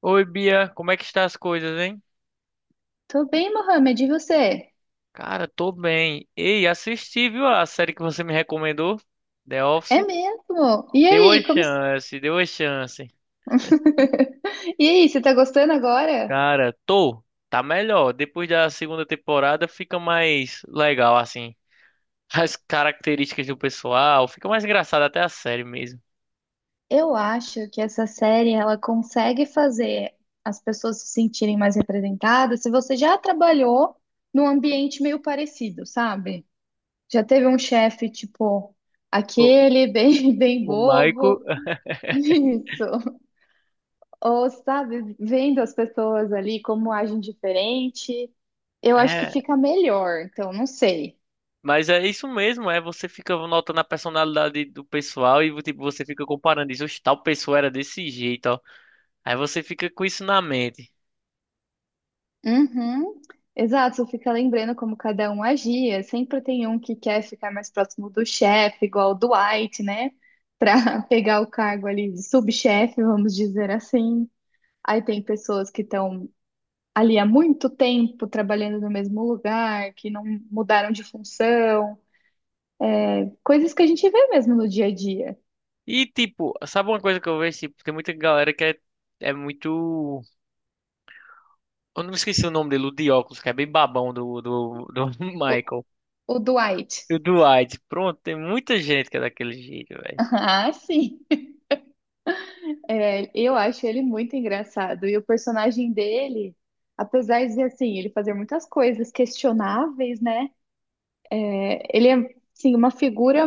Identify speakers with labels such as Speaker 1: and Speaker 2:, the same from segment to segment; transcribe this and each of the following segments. Speaker 1: Oi, Bia, como é que está as coisas, hein?
Speaker 2: Tô bem, Mohamed, e você?
Speaker 1: Cara, tô bem. Ei, assisti, viu, a série que você me recomendou, The
Speaker 2: É
Speaker 1: Office.
Speaker 2: mesmo? E
Speaker 1: Deu a
Speaker 2: aí, como...
Speaker 1: chance, deu a chance.
Speaker 2: E aí, você tá gostando agora?
Speaker 1: Cara, tô, tá melhor. Depois da segunda temporada fica mais legal, assim. As características do pessoal, fica mais engraçado até a série mesmo.
Speaker 2: Eu acho que essa série, ela consegue fazer as pessoas se sentirem mais representadas se você já trabalhou num ambiente meio parecido, sabe? Já teve um chefe, tipo,
Speaker 1: O,
Speaker 2: aquele bem, bem
Speaker 1: o Michael.
Speaker 2: bobo. Isso. Ou, sabe, vendo as pessoas ali como agem diferente, eu acho que
Speaker 1: É,
Speaker 2: fica melhor. Então, não sei.
Speaker 1: mas é isso mesmo, é você fica notando a personalidade do pessoal e tipo, você fica comparando isso. "Oxe, tal pessoa era desse jeito, ó." Aí você fica com isso na mente.
Speaker 2: Uhum. Exato, você fica lembrando como cada um agia. Sempre tem um que quer ficar mais próximo do chefe, igual o Dwight, né? Para pegar o cargo ali de subchefe, vamos dizer assim. Aí tem pessoas que estão ali há muito tempo trabalhando no mesmo lugar, que não mudaram de função. Coisas que a gente vê mesmo no dia a dia.
Speaker 1: E tipo, sabe uma coisa que eu vejo? Tipo, tem muita galera que é, é muito. Eu não esqueci o nome dele, o de óculos, que é bem babão do
Speaker 2: O,
Speaker 1: Michael.
Speaker 2: o Dwight.
Speaker 1: E o Dwight. Pronto, tem muita gente que é daquele jeito, velho.
Speaker 2: Ah, sim. É, eu acho ele muito engraçado. E o personagem dele, apesar de assim, ele fazer muitas coisas questionáveis, né? Ele é assim, uma figura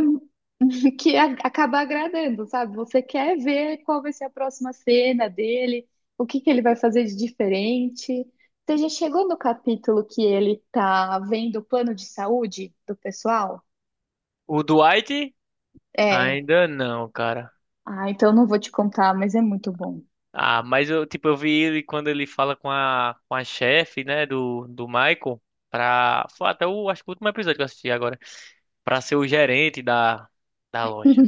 Speaker 2: que acaba agradando, sabe? Você quer ver qual vai ser a próxima cena dele, o que que ele vai fazer de diferente. Você já chegou no capítulo que ele tá vendo o plano de saúde do pessoal?
Speaker 1: O Dwight,
Speaker 2: É.
Speaker 1: ainda não, cara.
Speaker 2: Ah, então não vou te contar, mas é muito bom.
Speaker 1: Ah, mas eu, tipo, eu vi ele quando ele fala com a chefe, né, do Michael, pra. Foi até o, acho que o último episódio que eu assisti agora. Pra ser o gerente da loja.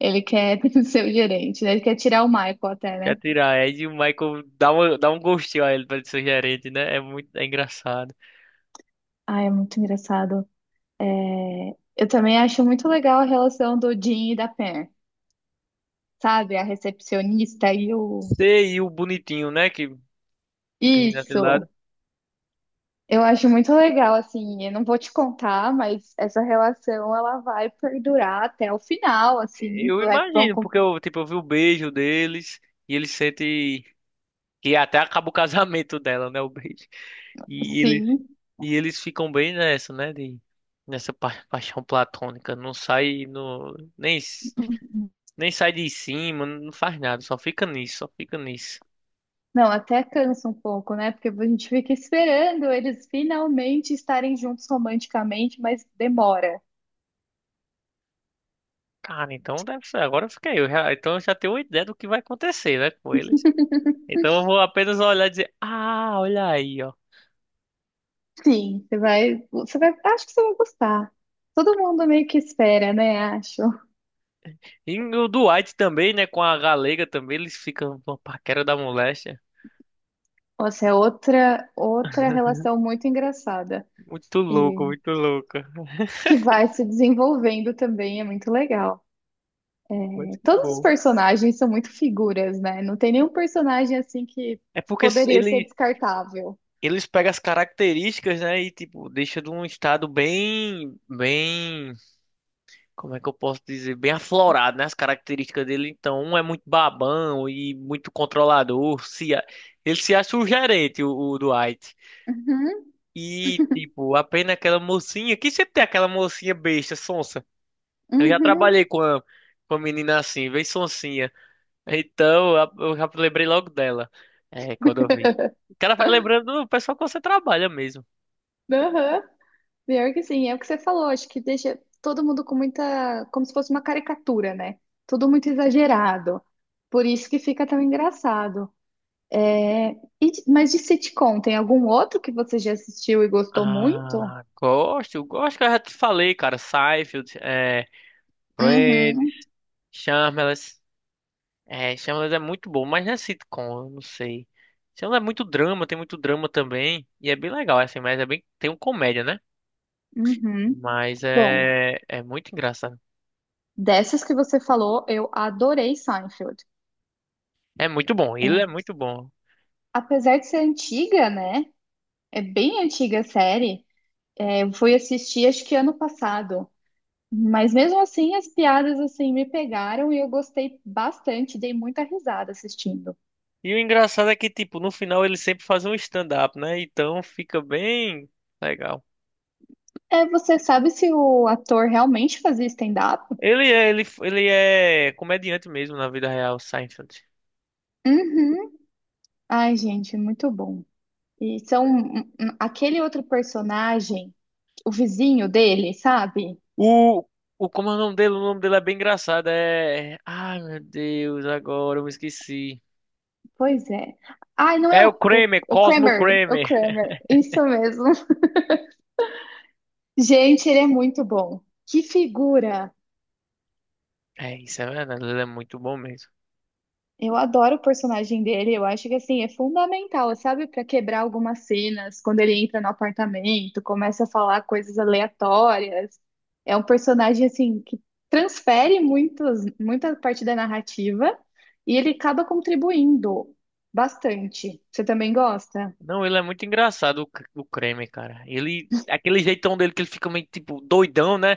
Speaker 2: Ele quer ser o gerente, né? Ele quer tirar o Michael até,
Speaker 1: Quer
Speaker 2: né?
Speaker 1: tirar Ed e o Michael dá, uma, dá um gostinho a ele pra ele ser gerente, né? É muito é engraçado.
Speaker 2: Ah, é muito engraçado. É, eu também acho muito legal a relação do Jim e da Pam, sabe? A recepcionista e o.
Speaker 1: Você e o bonitinho, né? Que fica rindo daquele
Speaker 2: Isso!
Speaker 1: lado.
Speaker 2: Eu acho muito legal, assim. Eu não vou te contar, mas essa relação ela vai perdurar até o final, assim.
Speaker 1: Eu
Speaker 2: Vão,
Speaker 1: imagino, porque eu, tipo, eu vi o beijo deles e ele sente que até acaba o casamento dela, né? O beijo. E eles,
Speaker 2: sim.
Speaker 1: e eles ficam bem nessa, né? De, nessa paixão platônica. Não sai no, nem, nem sai de cima, não faz nada, só fica nisso, só fica nisso.
Speaker 2: Não, até cansa um pouco, né? Porque a gente fica esperando eles finalmente estarem juntos romanticamente, mas demora.
Speaker 1: Cara, então deve ser. Agora eu fiquei. Então eu já tenho uma ideia do que vai acontecer, né, com eles. Então eu vou apenas olhar e dizer, ah, olha aí, ó.
Speaker 2: Sim, você vai, acho que você vai gostar. Todo mundo meio que espera, né? Acho.
Speaker 1: E o Dwight também, né, com a galega também, eles ficam uma paquera da moléstia.
Speaker 2: Nossa, é outra relação muito engraçada
Speaker 1: Muito
Speaker 2: e
Speaker 1: louco, muito louco.
Speaker 2: que vai se desenvolvendo também, é muito legal.
Speaker 1: Mas que
Speaker 2: Todos os
Speaker 1: bom.
Speaker 2: personagens são muito figuras, né? Não tem nenhum personagem assim que
Speaker 1: É porque s-
Speaker 2: poderia ser
Speaker 1: ele,
Speaker 2: descartável.
Speaker 1: Eles pegam as características, né, e tipo, deixa de um estado bem, bem, como é que eu posso dizer? Bem aflorado, né? As características dele. Então, um é muito babão e muito controlador. Se a- Ele se acha o gerente, o Dwight.
Speaker 2: Uhum,
Speaker 1: E, tipo, apenas aquela mocinha. Que sempre tem aquela mocinha besta, sonsa. Eu já
Speaker 2: uhum,
Speaker 1: trabalhei com a menina assim, bem sonsinha. Então, eu já lembrei logo dela. É, quando eu vi. O cara vai lembrando do pessoal que você trabalha mesmo.
Speaker 2: aham. Pior que sim, é o que você falou, acho que deixa todo mundo com muita, como se fosse uma caricatura, né? Tudo muito exagerado. Por isso que fica tão engraçado. É, e mas de sitcom, tem algum outro que você já assistiu e gostou muito?
Speaker 1: Ah, gosto, gosto que eu já te falei, cara. Seinfeld, é, Friends,
Speaker 2: Uhum,
Speaker 1: Shameless. É, Shameless é muito bom, mas não é sitcom, eu não sei. Shameless é muito drama, tem muito drama também. E é bem legal, assim, mas é bem. Tem um comédia, né?
Speaker 2: uhum.
Speaker 1: Mas
Speaker 2: Bom,
Speaker 1: é. É muito engraçado.
Speaker 2: dessas que você falou, eu adorei Seinfeld.
Speaker 1: É muito bom,
Speaker 2: É,
Speaker 1: ele é muito bom.
Speaker 2: apesar de ser antiga, né? É bem antiga a série. É, eu fui assistir acho que ano passado. Mas mesmo assim, as piadas assim me pegaram e eu gostei bastante, dei muita risada assistindo.
Speaker 1: E o engraçado é que, tipo, no final ele sempre faz um stand-up, né? Então fica bem legal.
Speaker 2: É, você sabe se o ator realmente fazia stand-up?
Speaker 1: Ele é, ele é comediante mesmo na vida real, Seinfeld.
Speaker 2: Uhum. Ai, gente, muito bom. E são aquele outro personagem, o vizinho dele, sabe?
Speaker 1: O, como é o nome dele? O nome dele é bem engraçado. É. Ai, meu Deus, agora eu me esqueci.
Speaker 2: Pois é. Ai, não é
Speaker 1: É o
Speaker 2: o, o,
Speaker 1: Kramer,
Speaker 2: o
Speaker 1: Cosmo
Speaker 2: Kramer, o
Speaker 1: Kramer.
Speaker 2: Kramer, isso mesmo. Gente, ele é muito bom. Que figura!
Speaker 1: É, isso é verdade, ele é muito bom mesmo.
Speaker 2: Eu adoro o personagem dele, eu acho que assim é fundamental, sabe, para quebrar algumas cenas, quando ele entra no apartamento, começa a falar coisas aleatórias. É um personagem assim que muita parte da narrativa e ele acaba contribuindo bastante. Você também gosta?
Speaker 1: Não, ele é muito engraçado, o Kramer, cara. Ele, aquele jeitão dele que ele fica meio, tipo, doidão, né?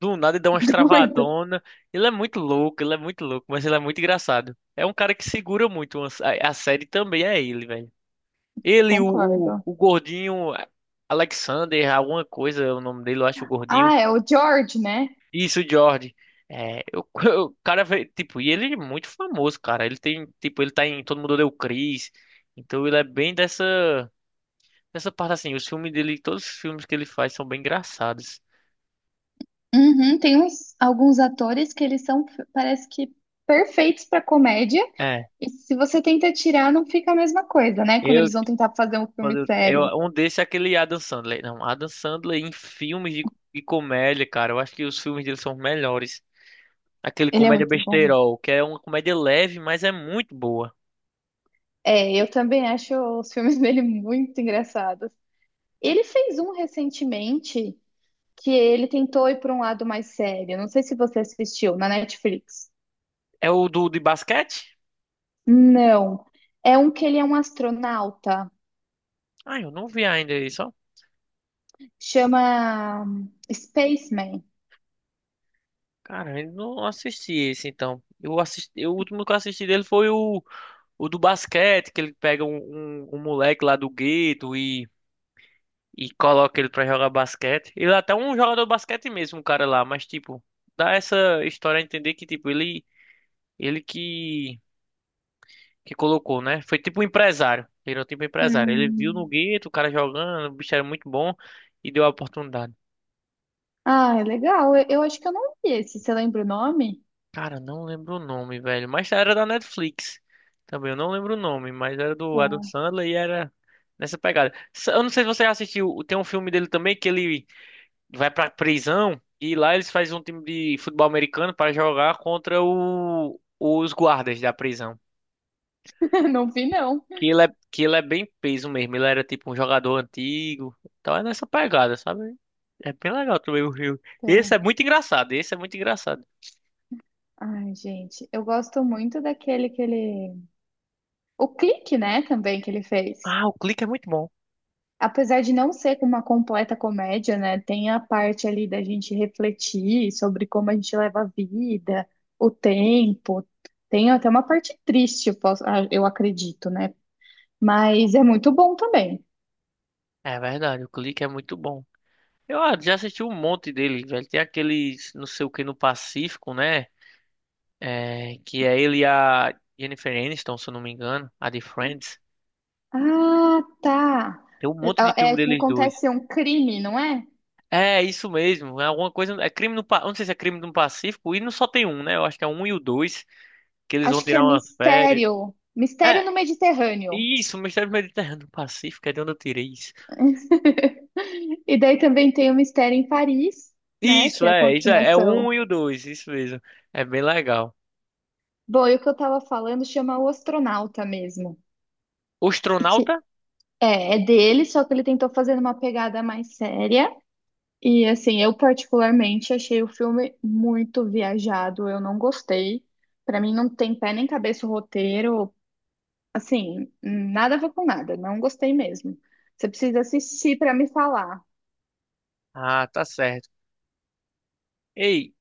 Speaker 1: Do nada ele dá umas
Speaker 2: Doido,
Speaker 1: travadonas. Ele é muito louco, ele é muito louco, mas ele é muito engraçado. É um cara que segura muito, a série também é ele, velho. Ele, o,
Speaker 2: concordo.
Speaker 1: o gordinho, Alexander, alguma coisa, é o nome dele, eu acho, o gordinho.
Speaker 2: Ah, é o George, né?
Speaker 1: Isso, Jordi. É, o cara, tipo, e ele é muito famoso, cara. Ele tem, tipo, ele tá em Todo Mundo Odeia o Chris. Então ele é bem dessa, dessa parte assim. Os filmes dele, todos os filmes que ele faz são bem engraçados.
Speaker 2: Uhum, tem uns, alguns atores que eles são, parece que, perfeitos para comédia,
Speaker 1: É,
Speaker 2: e se você tenta tirar, não fica a mesma coisa, né? Quando
Speaker 1: eu,
Speaker 2: eles vão tentar fazer um filme
Speaker 1: eu
Speaker 2: sério.
Speaker 1: um desses é aquele Adam Sandler. Não, Adam Sandler em filmes de comédia, cara. Eu acho que os filmes dele são os melhores. Aquele
Speaker 2: Ele é
Speaker 1: comédia
Speaker 2: muito bom.
Speaker 1: besteirol, que é uma comédia leve, mas é muito boa.
Speaker 2: É, eu também acho os filmes dele muito engraçados. Ele fez um recentemente que ele tentou ir para um lado mais sério. Não sei se você assistiu na Netflix.
Speaker 1: É o do de basquete?
Speaker 2: Não. É um que ele é um astronauta.
Speaker 1: Ah, eu não vi ainda isso.
Speaker 2: Chama Spaceman.
Speaker 1: Cara, eu não assisti esse então. Eu assisti, o último que eu assisti dele foi o do basquete, que ele pega um moleque lá do gueto e coloca ele pra jogar basquete. Ele é até um jogador de basquete mesmo, o cara lá, mas tipo, dá essa história a entender que tipo, ele ele que que colocou, né? Foi tipo um empresário. Ele é tipo um empresário. Ele viu no
Speaker 2: Hum.
Speaker 1: gueto o cara jogando, o bicho era muito bom e deu a oportunidade.
Speaker 2: Ah, é legal. Eu acho que eu não vi esse. Você lembra o nome?
Speaker 1: Cara, não lembro o nome, velho. Mas era da Netflix. Também eu não lembro o nome, mas era do Adam
Speaker 2: Tá.
Speaker 1: Sandler e era nessa pegada. Eu não sei se você já assistiu, tem um filme dele também que ele vai pra prisão e lá eles fazem um time de futebol americano para jogar contra os guardas da prisão.
Speaker 2: Não vi, não.
Speaker 1: Que ele é bem peso mesmo, ele era tipo um jogador antigo. Então é nessa pegada, sabe? É bem legal também o filme. Esse é
Speaker 2: Tá.
Speaker 1: muito engraçado, esse é muito engraçado.
Speaker 2: Ai, gente, eu gosto muito daquele que ele. O clique, né, também que ele fez.
Speaker 1: Ah, o clique é muito bom.
Speaker 2: Apesar de não ser uma completa comédia, né, tem a parte ali da gente refletir sobre como a gente leva a vida, o tempo. Tem até uma parte triste, ah, eu acredito, né? Mas é muito bom também.
Speaker 1: É verdade, o clique é muito bom. Eu ah, já assisti um monte dele, velho. Tem aqueles, não sei o que, no Pacífico, né? É, que é ele e a Jennifer Aniston, se eu não me engano, a de Friends.
Speaker 2: Ah, tá.
Speaker 1: Tem um monte de
Speaker 2: É,
Speaker 1: filme
Speaker 2: é que
Speaker 1: deles dois.
Speaker 2: acontece um crime, não é?
Speaker 1: É, isso mesmo. É alguma coisa. É crime no. Eu não sei se é crime no Pacífico. E não só tem um, né? Eu acho que é um e o dois. Que eles vão
Speaker 2: Acho que é
Speaker 1: tirar uma férias.
Speaker 2: Mistério. Mistério
Speaker 1: É,
Speaker 2: no Mediterrâneo.
Speaker 1: isso. Mistério do Mediterrâneo do Pacífico. É de onde eu tirei isso.
Speaker 2: E daí também tem o Mistério em Paris, né?
Speaker 1: Isso,
Speaker 2: Que é a
Speaker 1: é. Isso é. É o um
Speaker 2: continuação.
Speaker 1: e o dois. Isso mesmo. É bem legal.
Speaker 2: Bom, e o que eu tava falando chama O Astronauta mesmo.
Speaker 1: O
Speaker 2: E que
Speaker 1: Astronauta?
Speaker 2: é, é dele, só que ele tentou fazer uma pegada mais séria. E assim, eu particularmente achei o filme muito viajado, eu não gostei. Pra mim não tem pé nem cabeça o roteiro, assim, nada a ver com nada, não gostei mesmo. Você precisa assistir pra me falar.
Speaker 1: Ah, tá certo. Ei.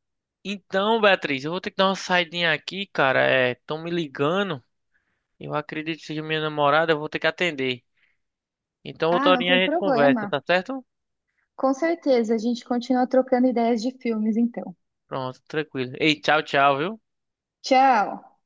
Speaker 1: Então, Beatriz, eu vou ter que dar uma saidinha aqui, cara. É, estão me ligando. Eu acredito que seja minha namorada, eu vou ter que atender. Então, outra
Speaker 2: Ah, não
Speaker 1: horinha a
Speaker 2: tem
Speaker 1: gente conversa,
Speaker 2: problema.
Speaker 1: tá certo?
Speaker 2: Com certeza, a gente continua trocando ideias de filmes, então.
Speaker 1: Pronto, tranquilo. Ei, tchau, tchau, viu?
Speaker 2: Tchau!